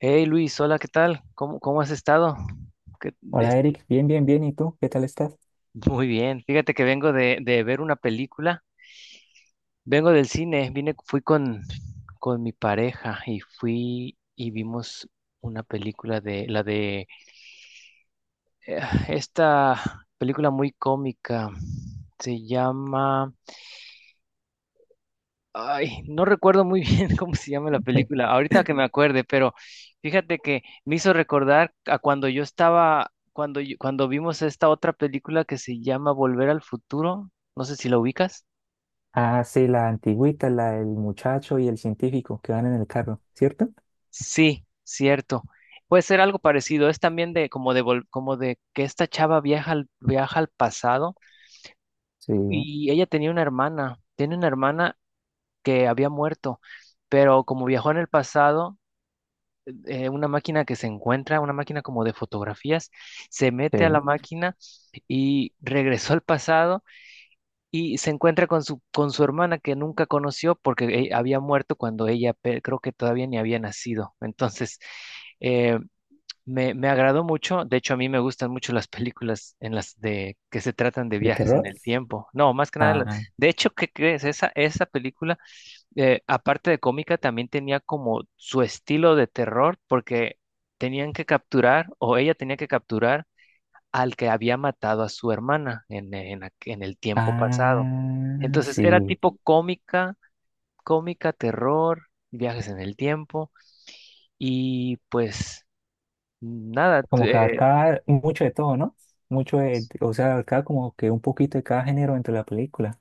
Hey Luis, hola, ¿qué tal? ¿Cómo has estado? ¿Qué- Hola este, Eric, bien, bien, bien. ¿Y tú? ¿Qué tal estás? Muy bien. Fíjate que vengo de ver una película. Vengo del cine, vine, fui con mi pareja y fui y vimos una película de eh, esta película muy cómica. Se llama... Ay, no recuerdo muy bien cómo se llama la película, ahorita que me acuerde, pero fíjate que me hizo recordar a cuando yo cuando vimos esta otra película que se llama Volver al Futuro, no sé si la ubicas. Ah, sí, la antigüita, la del muchacho y el científico que van en el carro, ¿cierto? Sí, cierto. Puede ser algo parecido, es también de como de que esta chava viaja al pasado Sí, y ella tenía una hermana, tiene una hermana que había muerto, pero como viajó en el pasado una máquina que se encuentra, una máquina como de fotografías, se mete a sí. la máquina y regresó al pasado y se encuentra con su hermana que nunca conoció porque había muerto cuando creo que todavía ni había nacido. Entonces, eh, me agradó mucho. De hecho, a mí me gustan mucho las películas en las de que se tratan de ¿De viajes en terror? el tiempo. No, más que nada, las- Ah, de hecho, ¿qué crees? Esa película aparte de cómica, también tenía como su estilo de terror porque tenían que capturar o ella tenía que capturar al que había matado a su hermana en el tiempo pasado. ah, Entonces era sí. tipo cómica, cómica, terror, viajes en el tiempo y pues nada, Como que t- eh, abarcaba mucho de todo, ¿no? Mucho de, o sea, abarcaba como que un poquito de cada género dentro de la película.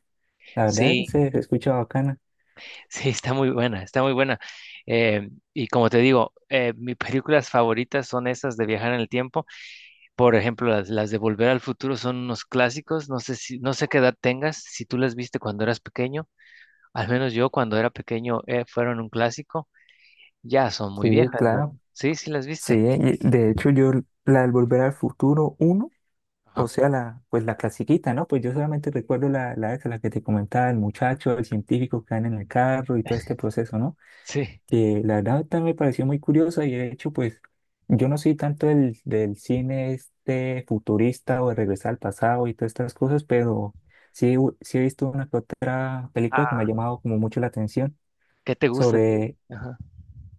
La verdad Sí, se escucha bacana. sí, está muy buena, está muy buena. Y como te digo, mis películas favoritas son esas de viajar en el tiempo. Por ejemplo, las de Volver al Futuro son unos clásicos. No sé qué edad tengas, si tú las viste cuando eras pequeño. Al menos yo cuando era pequeño fueron un clásico. Ya son muy Sí, viejas, ¿verdad? claro. Sí, sí las Sí, viste. y de hecho yo la del Volver al Futuro 1. O Ajá. sea, la, pues la clasiquita, ¿no? Pues yo solamente recuerdo la, esa, la que te comentaba, el muchacho, el científico que anda en el carro y todo este proceso, ¿no? Sí. Que la verdad también me pareció muy curiosa y de hecho, pues yo no soy tanto del cine este futurista o de regresar al pasado y todas estas cosas, pero sí, he visto una que otra película que me Ah, ha llamado como mucho la atención ¿qué te gusta a ti? sobre, Ajá.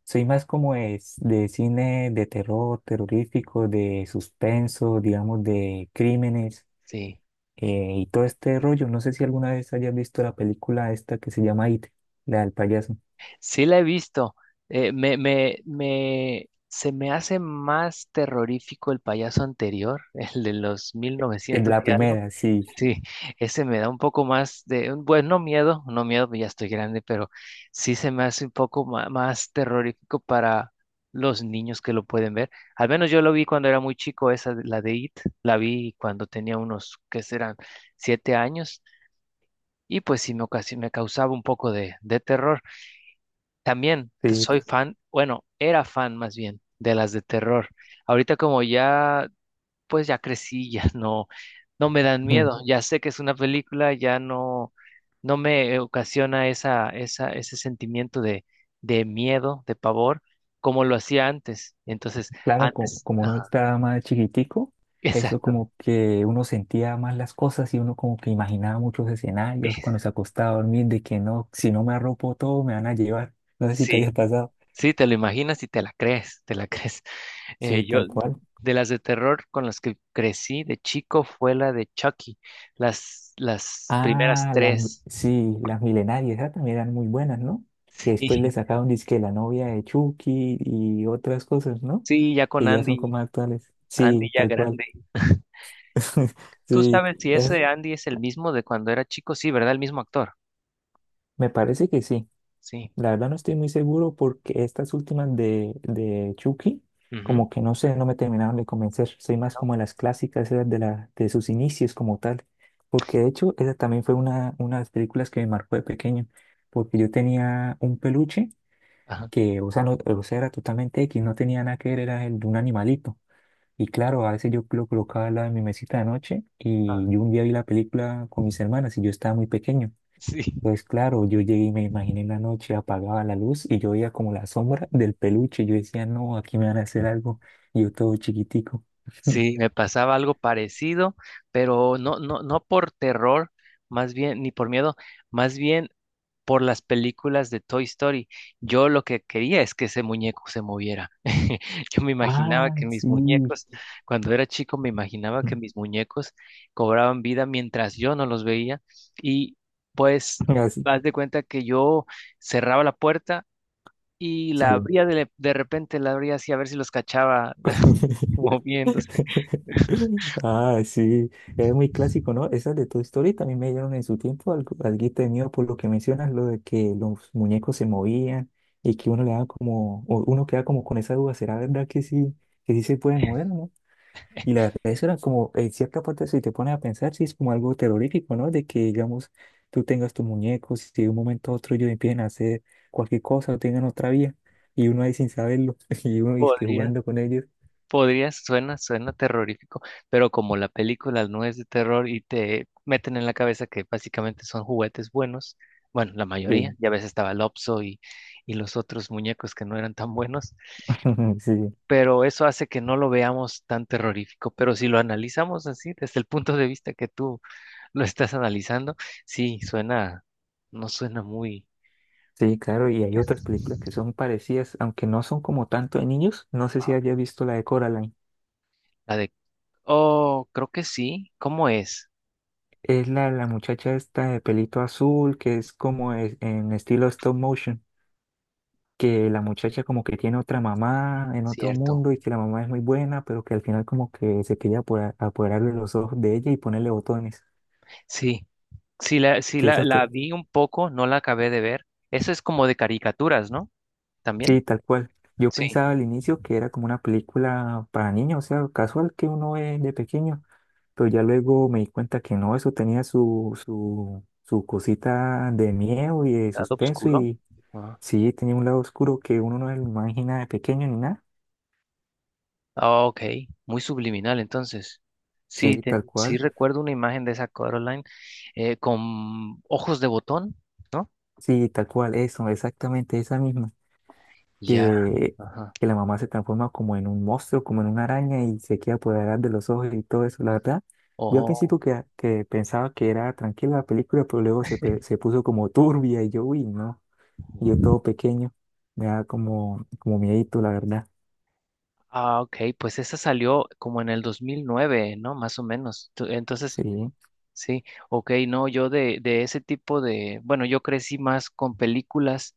soy más como es de cine de terror, terrorífico, de suspenso, digamos, de crímenes Sí. Y todo este rollo. No sé si alguna vez hayas visto la película esta que se llama It, la del payaso. Sí la he visto. Se me hace más terrorífico el payaso anterior, el de los mil novecientos La y algo. primera, sí, Sí, ese me da un poco más de, bueno, no miedo, no miedo, ya estoy grande, pero sí se me hace un poco más, terrorífico para los niños que lo pueden ver. Al menos yo lo vi cuando era muy chico, la de It, la vi cuando tenía unos, ¿qué serán? 7 años, y pues me causaba un poco de terror. También sí. soy fan, bueno, era fan más bien de las de terror. Ahorita como ya pues ya crecí, ya no, no me dan Ujú. miedo, ya sé que es una película, ya no, no me ocasiona ese sentimiento de miedo, de pavor, como lo hacía antes. Entonces, Claro, antes, como, uno ajá, estaba más chiquitico, eso exacto, como que uno sentía más las cosas y uno como que imaginaba muchos escenarios cuando se acostaba a dormir de que no, si no me arropo todo me van a llevar. No sé si te sí, haya pasado. sí, te lo imaginas y te la crees, te la crees. Eh, Sí, yo, tal cual. de las de terror con las que crecí de chico fue la de Chucky, las primeras Ah, las, tres. sí, las milenarias, esas también eran muy buenas, ¿no? Que después le Sí, sacaron disque la novia de Chucky y otras cosas, ¿no? sí, ya con Que ya son Andy, como actuales. Andy Sí, ya tal cual. grande. Tú Sí, sabes si es, ese Andy es el mismo de cuando era chico, sí, ¿verdad? El mismo actor. me parece que sí. Sí. La verdad no estoy muy seguro porque estas últimas de Chucky, Ujú. como que no sé, no me terminaron de convencer. Soy más No. como las clásicas, esas de, la, de sus inicios como tal. Porque de hecho, esa también fue una de las películas que me marcó de pequeño. Porque yo tenía un peluche Ajá. que, o sea, no, o sea, era totalmente X, no tenía nada que ver, era el de un animalito. Y claro, a veces yo lo colocaba al lado de mi mesita de noche Ah, y yo un día vi la película con mis hermanas y yo estaba muy pequeño. sí. Pues claro, yo llegué y me imaginé en la noche, apagaba la luz y yo veía como la sombra del peluche. Yo decía, no, aquí me van a hacer algo. Y yo todo chiquitico. Sí, me pasaba algo parecido, pero no, no, no por terror, más bien, ni por miedo, más bien por las películas de Toy Story. Yo lo que quería es que ese muñeco se moviera. Yo me imaginaba Ah, que mis sí. muñecos, cuando era chico, me imaginaba que mis muñecos cobraban vida mientras yo no los veía y pues Así, haz de cuenta que yo cerraba la puerta y la sí. abría de repente, la abría así a ver si los cachaba moviéndose. Ah, sí, es muy clásico, ¿no? Esas de Toy Story también me dieron en su tiempo algo, alguito de miedo por lo que mencionas, lo de que los muñecos se movían y que uno le da como, o uno queda como con esa duda, ¿será verdad que sí se pueden mover, ¿no? Y la verdad, eso era como, en cierta parte, si te pones a pensar, sí es como algo terrorífico, ¿no? De que, digamos, tú tengas tus muñecos y de un momento a otro ellos empiecen a hacer cualquier cosa o tengan otra vía y uno ahí sin saberlo y uno es que Podría. jugando con ellos. Podría, suena terrorífico, pero como la película no es de terror y te meten en la cabeza que básicamente son juguetes buenos, bueno, la mayoría, Sí, ya ves estaba Lopso y los otros muñecos que no eran tan buenos, sí. pero eso hace que no lo veamos tan terrorífico, pero si lo analizamos así, desde el punto de vista que tú lo estás analizando, sí, suena, no suena muy, Sí, claro, y hay otras películas que son parecidas, aunque no son como tanto de niños. No sé si había visto la de Coraline. la de, oh, creo que sí, ¿cómo es? Es la muchacha esta de pelito azul, que es en estilo stop motion, que la muchacha como que tiene otra mamá en otro Cierto. mundo y que la mamá es muy buena, pero que al final como que se quería apoderar de los ojos de ella y ponerle botones. Sí, sí Que la, esa la vi un poco, no la acabé de ver. Eso es como de caricaturas, ¿no? También. sí, tal cual. Yo Sí, pensaba al inicio que era como una película para niños, o sea, casual que uno ve de pequeño. Pero ya luego me di cuenta que no, eso tenía su cosita de miedo y de lado suspenso oscuro. y Ah, sí, tenía un lado oscuro que uno no se lo imagina de pequeño ni nada. ah, ok, muy subliminal entonces. Sí, Sí, tal sí cual. recuerdo una imagen de esa Coraline con ojos de botón, ¿no? Sí, tal cual, eso, exactamente esa misma. Ya, Que, ajá. que la mamá se transforma como en un monstruo, como en una araña y se queda apoderada de los ojos y todo eso, la verdad. Yo al principio Oh, que pensaba que era tranquila la película, pero luego se, se puso como turbia y yo, uy, no. Y yo todo pequeño, me da como, como miedito, la verdad. ah, ok, pues esa salió como en el 2009, ¿no? Más o menos. Entonces, Sí, sí, ok, no, yo de ese tipo de, bueno, yo crecí más con películas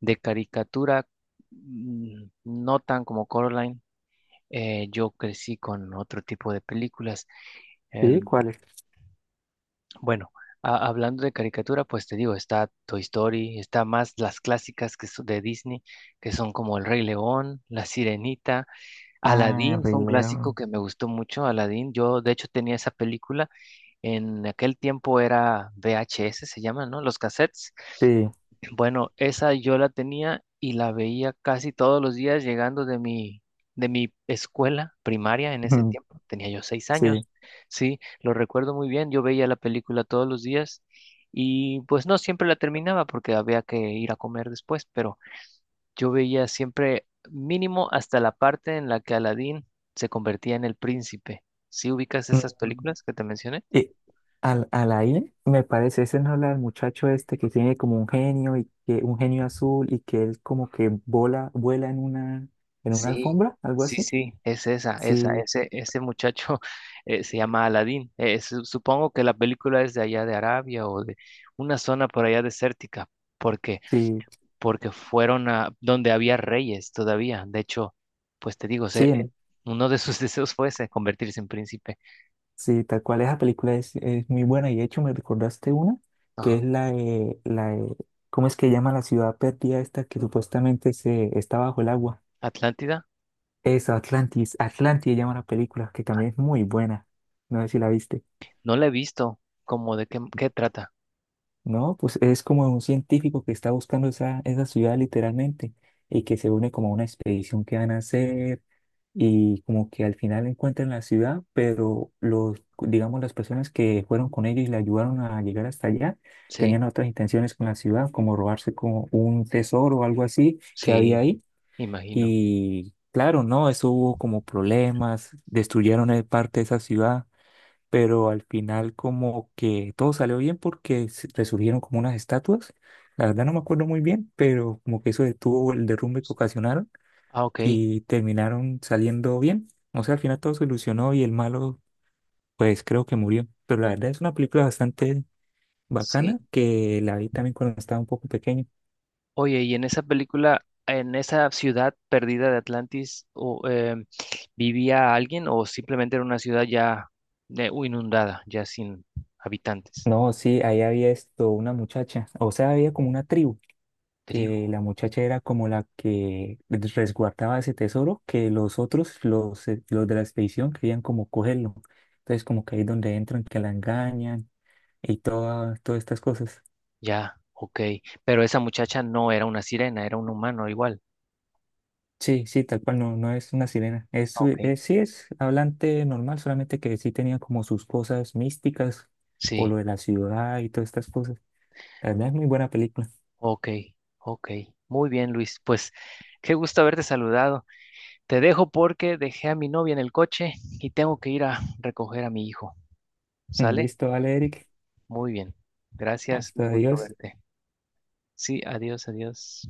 de caricatura, mm, no tan como Coraline. Yo crecí con otro tipo de películas. sí, Em, ¿cuál es? bueno, hablando de caricatura, pues te digo, está Toy Story, está más las clásicas que son de Disney, que son como El Rey León, La Sirenita, Ah, Aladdin Rey fue un clásico León. que me gustó mucho, Aladdin. Yo, de hecho, tenía esa película. En aquel tiempo era VHS, se llama, ¿no? Los cassettes. Sí, Bueno, esa yo la tenía y la veía casi todos los días llegando de mi escuela primaria en ese tiempo. Tenía yo seis sí. años, sí, lo recuerdo muy bien. Yo veía la película todos los días y pues no siempre la terminaba porque había que ir a comer después, pero yo veía siempre mínimo hasta la parte en la que Aladín se convertía en el príncipe. ¿Sí ubicas esas Mm, películas que te mencioné? y al, Alain, me parece, ese no habla del muchacho este que tiene como un genio y que un genio azul y que él como que vuela en una Sí, alfombra, algo sí, así. sí, es esa, Sí, ese muchacho se llama Aladín. Supongo que la película es de allá de Arabia o de una zona por allá desértica, porque, sí, porque fueron a donde había reyes todavía. De hecho, pues te digo, sí. Uno de sus deseos fue ese, convertirse en príncipe. Sí, tal cual, esa película es muy buena y de hecho me recordaste una que Ajá. es la ¿cómo es que llama la ciudad perdida esta que supuestamente se, está bajo el agua? Atlántida, Esa, Atlantis, Atlantis llama la película, que también es muy buena. No sé si la viste. no la he visto, como de qué, qué trata. No, pues es como un científico que está buscando esa ciudad literalmente y que se une como a una expedición que van a hacer y como que al final encuentran la ciudad, pero los, digamos, las personas que fueron con ellos y le ayudaron a llegar hasta allá Sí, tenían otras intenciones con la ciudad, como robarse como un tesoro o algo así que había sí, ahí. imagino. Y claro, no, eso hubo como problemas, destruyeron parte de esa ciudad, pero al final como que todo salió bien porque resurgieron como unas estatuas. La verdad no me acuerdo muy bien, pero como que eso detuvo el derrumbe que ocasionaron Ah, ok, y terminaron saliendo bien. O sea, al final todo se solucionó y el malo pues creo que murió. Pero la verdad es una película bastante sí. bacana que la vi también cuando estaba un poco pequeño. Oye, y en esa película, en esa ciudad perdida de Atlantis, o, ¿vivía alguien o simplemente era una ciudad ya inundada, ya sin habitantes? No, sí, ahí había esto, una muchacha, o sea, había como una tribu Tribu, que la muchacha era como la que resguardaba ese tesoro, que los otros, los de la expedición, querían como cogerlo. Entonces, como que ahí es donde entran, que la engañan y toda, todas estas cosas. ya, ok. Pero esa muchacha no era una sirena, era un humano igual. Sí, sí, tal cual, no, no es una sirena. Es, Ok. Sí es hablante normal, solamente que sí tenía como sus cosas místicas o Sí, lo de la ciudad y todas estas cosas. La verdad es muy buena película. ok, ok. Muy bien, Luis. Pues qué gusto haberte saludado. Te dejo porque dejé a mi novia en el coche y tengo que ir a recoger a mi hijo. ¿Sale? Listo, vale, Eric. Muy bien. Gracias, un Hasta gusto adiós. verte. Sí, adiós, adiós.